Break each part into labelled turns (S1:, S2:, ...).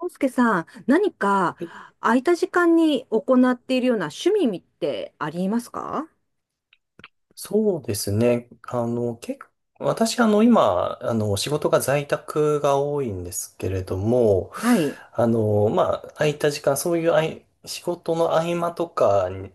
S1: 康介さん、何か
S2: はい。
S1: 空いた時間に行っているような趣味ってありますか？
S2: そうですね。結構、私、今、仕事が在宅が多いんですけれども、
S1: はい。
S2: 空いた時間、そういうあい、仕事の合間とかに、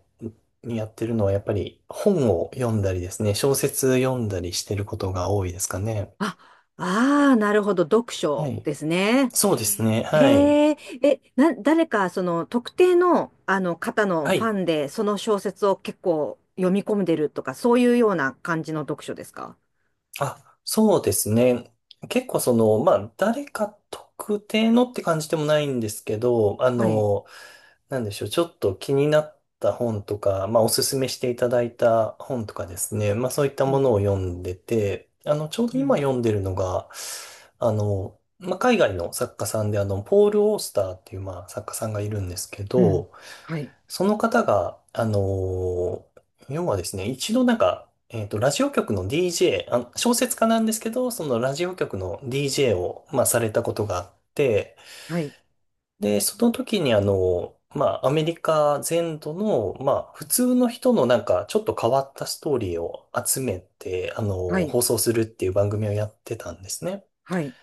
S2: やってるのは、やっぱり本を読んだりですね、小説読んだりしてることが多いですかね。
S1: あ、ああ、なるほど。読
S2: は
S1: 書
S2: い。
S1: ですね。
S2: そうですね。はい。
S1: へえ。誰か、特定の、方の
S2: は
S1: ファ
S2: い。
S1: ンで、その小説を結構読み込んでるとか、そういうような感じの読書ですか？
S2: あ、そうですね。結構その、誰か特定のって感じでもないんですけど、
S1: はい。
S2: なんでしょう、ちょっと気になった本とか、おすすめしていただいた本とかですね、そういった
S1: う
S2: ものを
S1: ん、
S2: 読んでて、ちょうど
S1: う
S2: 今
S1: ん、
S2: 読んでるのが、海外の作家さんで、ポール・オースターっていう、作家さんがいるんですけ
S1: うん。
S2: ど、
S1: はい、
S2: その方が、要はですね、一度なんか、ラジオ局の DJ、小説家なんですけど、そのラジオ局の DJ を、されたことがあって、
S1: はい、
S2: で、その時にアメリカ全土の、普通の人のなんか、ちょっと変わったストーリーを集めて、
S1: はい、
S2: 放送するっていう番組をやってたんですね。
S1: はい。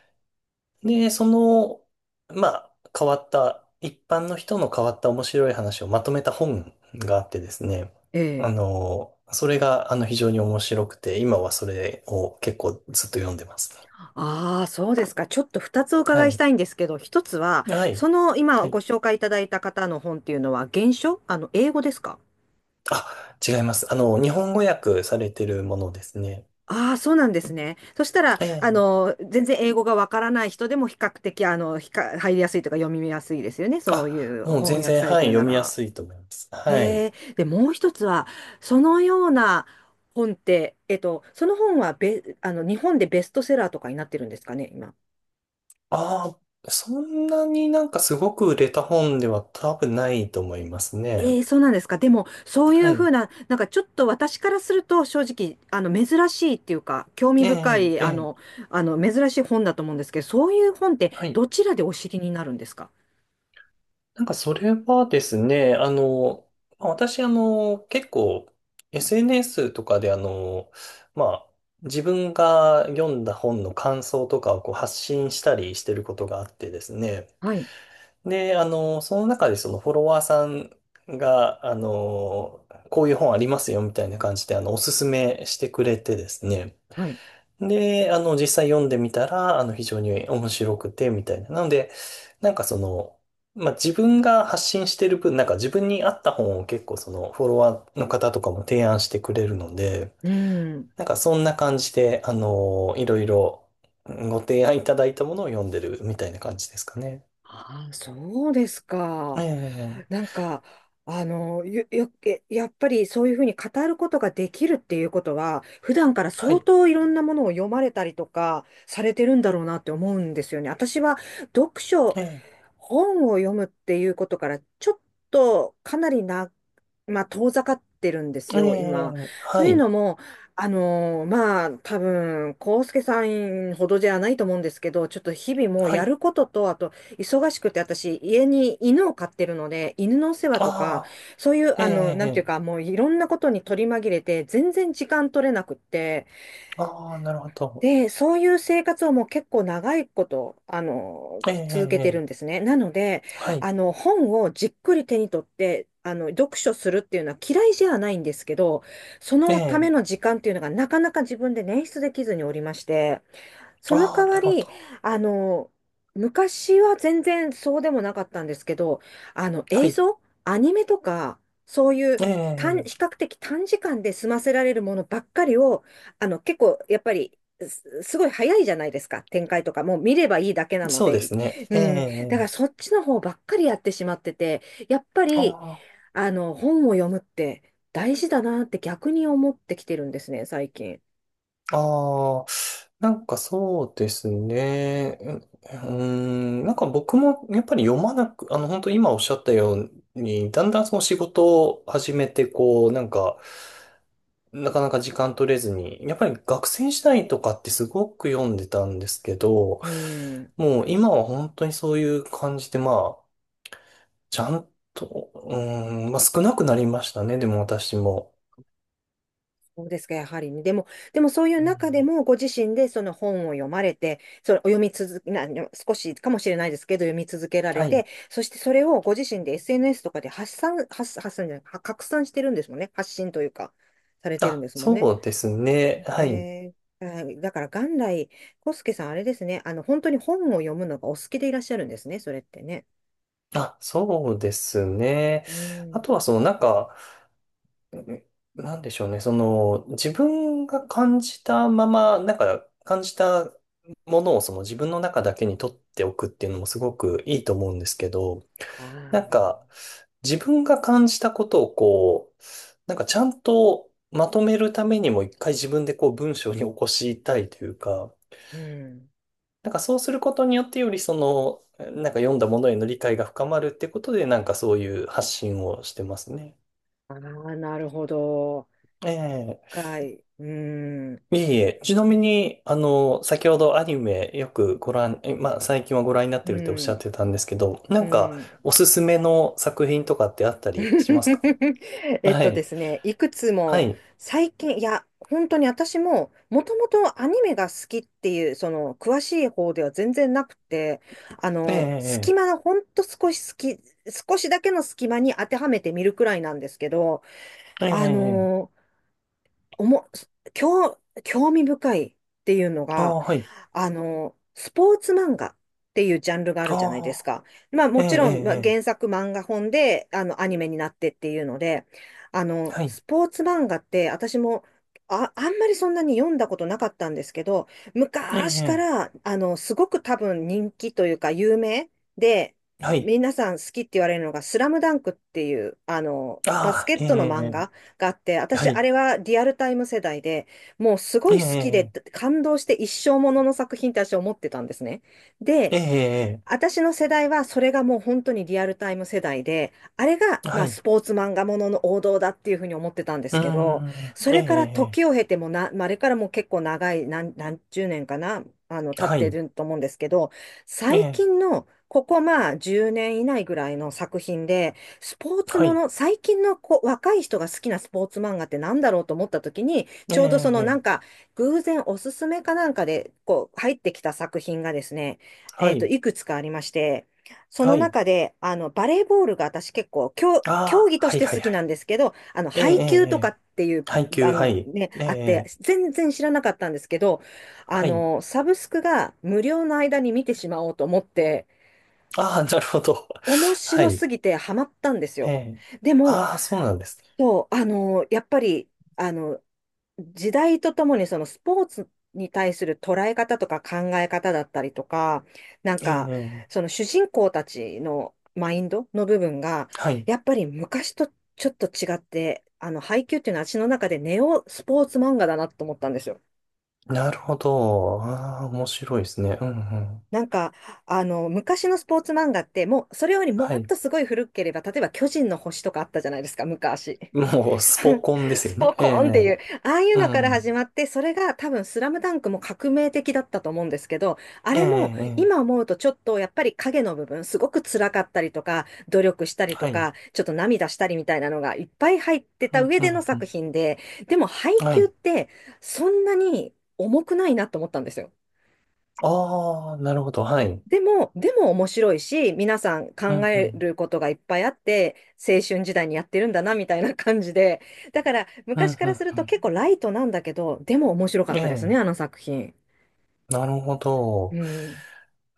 S2: で、その、変わった、一般の人の変わった面白い話をまとめた本があってですね、
S1: ええ。
S2: それが、非常に面白くて、今はそれを結構ずっと読んでますね。
S1: ああ、そうですか。ちょっと二つお
S2: は
S1: 伺いし
S2: い。
S1: たいんですけど、一つは、
S2: はい。
S1: その今
S2: は
S1: ご
S2: い。
S1: 紹介いただいた方の本っていうのは、原書英語ですか？
S2: あ、違います。日本語訳されてるものですね。
S1: ああ、そうなんですね。そしたら、
S2: ええ。
S1: 全然英語がわからない人でも比較的、入りやすいとか読みやすいですよね。そ
S2: あ、
S1: ういう
S2: もう
S1: 翻
S2: 全
S1: 訳
S2: 然、
S1: され
S2: は
S1: て
S2: い、
S1: るな
S2: 読みや
S1: ら。
S2: すいと思います。はい。
S1: へえ。で、もう一つは、そのような本って、その本は日本でベストセラーとかになってるんですかね、今。
S2: ああ、そんなになんかすごく売れた本では多分ないと思います
S1: え
S2: ね。
S1: え、そうなんですか。でも、そうい
S2: は
S1: うふう
S2: い。
S1: な、なんかちょっと私からすると、正直、珍しいっていうか、興味
S2: え
S1: 深
S2: え、
S1: い、
S2: ええ、
S1: 珍しい本だと思うんですけど、そういう本って、
S2: はい。
S1: どちらでお知りになるんですか？
S2: なんかそれはですね、私、結構、SNS とかでまあ、自分が読んだ本の感想とかをこう発信したりしてることがあってですね。
S1: はい、
S2: で、その中でそのフォロワーさんが、こういう本ありますよみたいな感じで、おすすめしてくれてですね。
S1: はい。
S2: で、実際読んでみたら、非常に面白くて、みたいな。なので、なんかその、自分が発信してる分、なんか自分に合った本を結構その、フォロワーの方とかも提案してくれるので、
S1: うん。
S2: なんかそんな感じで、いろいろご提案いただいたものを読んでるみたいな感じですかね。
S1: ああ、そうですか。
S2: ええ、
S1: なんか、よ、よ、えやっぱりそういうふうに語ることができるっていうことは、普段から
S2: は
S1: 相
S2: い。
S1: 当いろんなものを読まれたりとかされてるんだろうなって思うんですよね。私は読書、
S2: ええ、
S1: 本を読むっていうことから、ちょっとかなり長まあ、遠ざかってるんです
S2: え
S1: よ、今。
S2: え、
S1: と
S2: は
S1: いう
S2: い、
S1: のも、まあ、多分、康介さんほどじゃないと思うんですけど、ちょっと日々もう
S2: は
S1: や
S2: い。
S1: ることと、あと、忙しくて、私、家に犬を飼ってるので、犬のお世話とか、
S2: あ
S1: そういう、
S2: あ、え
S1: なんてい
S2: え、
S1: うか、もういろんなことに取り紛れて、全然時間取れなくって、
S2: ああ、なるほど。
S1: で、そういう生活をもう結構長いこと、
S2: え
S1: 続けてる
S2: え、
S1: んですね。なので、
S2: はい、
S1: 本をじっくり手に取って、読書するっていうのは嫌いじゃないんですけど、そ
S2: え
S1: のため
S2: え、
S1: の時間っていうのがなかなか自分で捻出できずにおりまして、その
S2: あ
S1: 代
S2: あ、な
S1: わ
S2: るほ
S1: り、
S2: ど。
S1: あの、昔は全然そうでもなかったんですけど、
S2: は
S1: 映
S2: い、
S1: 像、アニメとか、そういう
S2: ええ、
S1: 比較的短時間で済ませられるものばっかりを、結構、やっぱり、すごい早いじゃないですか、展開とか。もう見ればいいだけなの
S2: そうで
S1: で。
S2: すね。え
S1: うん。だか
S2: え、
S1: らそっちの方ばっかりやってしまってて、やっぱり、
S2: あ
S1: 本を読むって大事だなって逆に思ってきてるんですね、最近。
S2: あ、ああ、なんかそうですね。うーなんか僕もやっぱり読まなく、本当今おっしゃったように、だんだんその仕事を始めて、こう、なんか、なかなか時間取れずに、やっぱり学生時代とかってすごく読んでたんですけど、
S1: うん。
S2: もう今は本当にそういう感じで、あ、ちゃんと、少なくなりましたね、でも私も。
S1: そうですか、やはりね。でもそういう
S2: うん、
S1: 中でも、ご自身でその本を読まれて、それお読み続け、な、少しかもしれないですけど、読み続けられ
S2: はい。
S1: て、そしてそれをご自身で SNS とかで発散じゃない、は拡散してるんですもんね。発信というか、されてるん
S2: あ、
S1: ですもんね。
S2: そうですね。はい。
S1: えー、はい、だから元来、コスケさん、あれですね、本当に本を読むのがお好きでいらっしゃるんですね、それってね。
S2: あ、そうですね。
S1: う
S2: あ
S1: ん。
S2: とはそのなんか、うん、なんでしょうね。その、自分が感じたまま、なんか感じたものをその自分の中だけに取っておくっていうのもすごくいいと思うんですけど、
S1: あ
S2: なん
S1: あ、
S2: か自分が感じたことをこう、なんかちゃんとまとめるためにも一回自分でこう文章に起こしたいというか、
S1: うん。
S2: なんかそうすることによってよりその、なんか読んだものへの理解が深まるってことで、なんかそういう発信をしてますね。
S1: ああ、なるほど。
S2: ええ。
S1: 深い。うん。
S2: いえいえ、ちなみに、先ほどアニメよくご覧、え、まあ、最近はご覧になっ
S1: う
S2: てるっておっしゃっ
S1: ん。
S2: てたんですけど、な
S1: う
S2: んか、
S1: ん。
S2: おすすめの作品とかってあったりしますか？
S1: えっ
S2: は
S1: とで
S2: い。
S1: すね、いくつ
S2: は
S1: も
S2: い。
S1: 最近、いや、本当に私ももともとアニメが好きっていう、その詳しい方では全然なくて、
S2: え
S1: 隙
S2: え、
S1: 間、ほんと少し好き、少しだけの隙間に当てはめてみるくらいなんですけど、
S2: ええ、ええ、
S1: あ
S2: ええ。
S1: の、おも、興味深いっていうの
S2: あ
S1: が、
S2: あ、はい。
S1: スポーツ漫画っていうジャンルがあるじゃない
S2: あ
S1: です
S2: あ、
S1: か。まあ
S2: え
S1: も
S2: え、え
S1: ちろん、ま
S2: え、
S1: あ、
S2: え
S1: 原
S2: え、
S1: 作漫画本で、アニメになってっていうので、
S2: はい。
S1: スポーツ漫画って私も、あんまりそんなに読んだことなかったんですけど、
S2: ええ、
S1: 昔か
S2: え
S1: ら、すごく多分人気というか有名で、
S2: え、はい。
S1: 皆さん好きって言われるのが、スラムダンクっていう、バス
S2: ああ、
S1: ケッ
S2: ええ、
S1: トの漫
S2: え
S1: 画があって、
S2: え、は
S1: 私、あ
S2: い。
S1: れはリアルタイム世代で、もうすご
S2: え
S1: い好きで
S2: え、
S1: 感動して一生ものの作品って私は思ってたんですね。で、
S2: ええ、ええ、
S1: 私の世代はそれがもう本当にリアルタイム世代で、あれが
S2: ええ、
S1: ま
S2: は
S1: あ
S2: い。
S1: スポーツ漫画ものの王道だっていうふうに思ってたんで
S2: う
S1: す
S2: ー
S1: けど、
S2: ん、
S1: そ
S2: ええ、
S1: れから時を
S2: え
S1: 経てもな、まあ、あれからもう結構長い何十年かな、
S2: え、
S1: 経っ
S2: は
S1: て
S2: い。
S1: ると思うんですけど、
S2: え
S1: 最
S2: え、
S1: 近のここまあ10年以内ぐらいの作品で、スポーツ
S2: は
S1: も
S2: い。
S1: の、最近のこう若い人が好きなスポーツ漫画ってなんだろうと思った時に、
S2: え
S1: ちょうどそのなん
S2: え、ええ、
S1: か偶然おすすめかなんかでこう入ってきた作品がですね、
S2: はい。
S1: いくつかありまして、その
S2: はい。
S1: 中で、バレーボールが私結構、競
S2: ああ、
S1: 技とし
S2: はい、
S1: て
S2: はい、
S1: 好き
S2: は
S1: な
S2: い。
S1: んですけど、
S2: ええ、
S1: 配
S2: ええ、
S1: 球
S2: え
S1: とか
S2: え、
S1: っていう
S2: 配給、は
S1: 番
S2: い。
S1: ね、
S2: ええ、
S1: あって、
S2: ええ、
S1: 全然知らなかったんですけど、
S2: はい。
S1: サブスクが無料の間に見てしまおうと思って、
S2: ああ、なるほど。
S1: 面
S2: は
S1: 白
S2: い。
S1: すぎてハマったんです
S2: え
S1: よ。
S2: え。
S1: でも、
S2: ああ、そうなんですね。
S1: そう、やっぱり、あの、時代とともにそのスポーツに対する捉え方とか考え方だったりとか、なん
S2: え
S1: か
S2: え、ええ、
S1: その主人公たちのマインドの部分が、
S2: はい。
S1: やっぱり昔とちょっと違って、配給っていうのは私の中でネオスポーツ漫画だなと思ったんですよ。
S2: なるほど。ああ、面白いですね。うん、うん。
S1: なんか、昔のスポーツ漫画って、もう、それよりも
S2: は
S1: っ
S2: い。
S1: とすごい古ければ、例えば巨人の星とかあったじゃないですか、昔。
S2: もう、スポ コンです
S1: ス
S2: よ
S1: ポ
S2: ね。え
S1: コーンっていう、
S2: え、
S1: ああいう
S2: う
S1: のから始
S2: ん。
S1: まって、それが多分スラムダンクも革命的だったと思うんですけど、あ
S2: ええ、
S1: れも
S2: え
S1: 今思うとちょっとやっぱり影の部分、すごく辛かったりとか、努力した
S2: え、
S1: りと
S2: はい。
S1: か、ちょっと涙したりみたいなのがいっぱい入って
S2: う
S1: た
S2: ん、
S1: 上
S2: う
S1: での
S2: ん、う
S1: 作
S2: ん。
S1: 品で、でも配
S2: は
S1: 給っ
S2: い。
S1: てそんなに重くないなと思ったんですよ。
S2: ああ、なるほど。はい。
S1: でも面白いし、皆さん
S2: う
S1: 考
S2: ん、う
S1: え
S2: ん。
S1: ることがいっぱいあって、青春時代にやってるんだな、みたいな感じで。だから、
S2: う
S1: 昔
S2: ん、
S1: か
S2: う
S1: ら
S2: ん。
S1: する
S2: う
S1: と
S2: ん、
S1: 結構ライトなんだけど、でも面白かっ
S2: え
S1: たですね、
S2: え、
S1: あの作品。
S2: なるほ
S1: う
S2: ど。
S1: ん。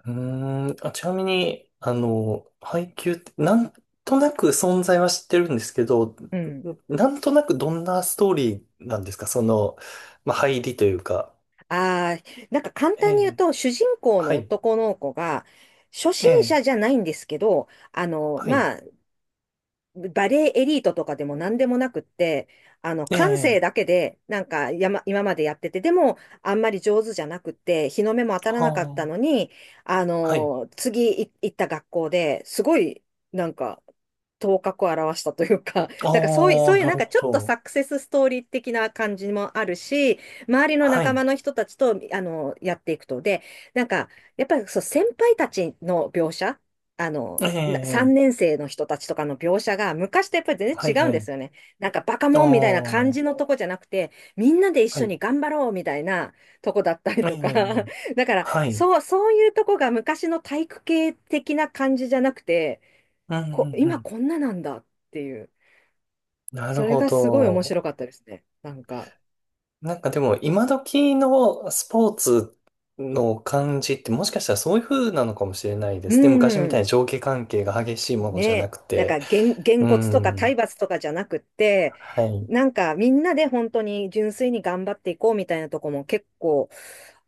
S2: うーん、あ、ちなみに、配給って、なんとなく存在は知ってるんですけど、
S1: うん。
S2: なんとなくどんなストーリーなんですかその、入りというか。
S1: ああ、なんか簡
S2: え
S1: 単に言う
S2: え、
S1: と、主人公
S2: は
S1: の
S2: い、
S1: 男の子が、初
S2: え
S1: 心
S2: え、
S1: 者じゃないんですけど、
S2: はい、
S1: まあ、バレエエリートとかでも何でもなくって、
S2: え
S1: 感性
S2: え、
S1: だけで、なんか、今までやってて、でも、あんまり上手じゃなくって、日の目も当たらなかったの
S2: は
S1: に、
S2: あ、はい。
S1: 行った学校ですごい、なんか、頭角を現したというか、
S2: あ
S1: だからそ
S2: あ、
S1: ういう
S2: な
S1: なん
S2: る
S1: か
S2: ほ
S1: ちょっと
S2: ど。
S1: サクセスストーリー的な感じもあるし、周りの
S2: は
S1: 仲
S2: い、
S1: 間の人たちと、やっていくと。で、なんか、やっぱりそう、先輩たちの描写
S2: ええ、
S1: 3年生の人たちとかの描写が昔とやっぱり全
S2: はい、
S1: 然違うん
S2: は
S1: で
S2: い。
S1: すよね。なんかバカ
S2: ああ、
S1: モンみたいな感
S2: は
S1: じのとこじゃなくて、みんなで一緒
S2: い、
S1: に頑張ろうみたいなとこだったり
S2: え
S1: とか。
S2: え、
S1: だから、
S2: はい。
S1: そう、そういうとこが昔の体育系的な感じじゃなくて、
S2: うん、うん、う
S1: 今
S2: ん。
S1: こんななんだっていう。
S2: なる
S1: それ
S2: ほ
S1: がすごい面
S2: ど。
S1: 白かったですね。なんか。
S2: なんかでも今時のスポーツの感じってもしかしたらそういう風なのかもしれないで
S1: う
S2: す。で、昔みたい
S1: ん。
S2: に上下関係が激しいものじゃな
S1: ね、
S2: く
S1: なん
S2: て。
S1: か、げん
S2: う
S1: こつとか体
S2: ん。
S1: 罰とかじゃなくって、
S2: はい。
S1: なんか、みんなで本当に純粋に頑張っていこうみたいなとこも結構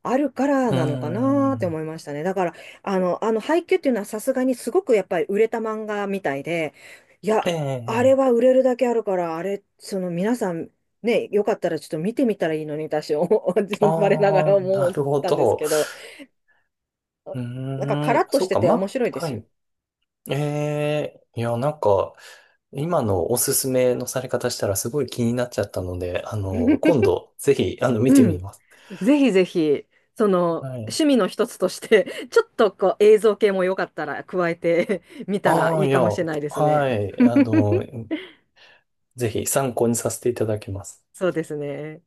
S1: あるから
S2: う
S1: なのかなって
S2: ん。
S1: 思いましたね。だから、配給っていうのはさすがにすごくやっぱり売れた漫画みたいで、い
S2: え
S1: や、あれ
S2: え。
S1: は売れるだけあるから、あれ、その皆さん、ね、よかったらちょっと見てみたらいいのに、私、我なが
S2: ああ、
S1: ら思
S2: な
S1: っ
S2: るほ
S1: たんです
S2: ど。
S1: けど、
S2: う
S1: なんかカラ
S2: ーん。
S1: ッと
S2: そ
S1: し
S2: う
S1: て
S2: か、
S1: て面白いで
S2: は
S1: すよ。
S2: い。ええ。いや、なんか、今のおすすめのされ方したらすごい気になっちゃったので、今 度、ぜひ、見て
S1: う
S2: み
S1: ん。
S2: ます。
S1: ぜひぜひ、その、
S2: はい。
S1: 趣味の一つとして、ちょっとこう映像系もよかったら加えて みたら
S2: あ
S1: い
S2: あ、
S1: い
S2: い
S1: か
S2: や、
S1: もしれないです
S2: は
S1: ね。
S2: い。ぜひ参考にさせていただきます。
S1: そうですね。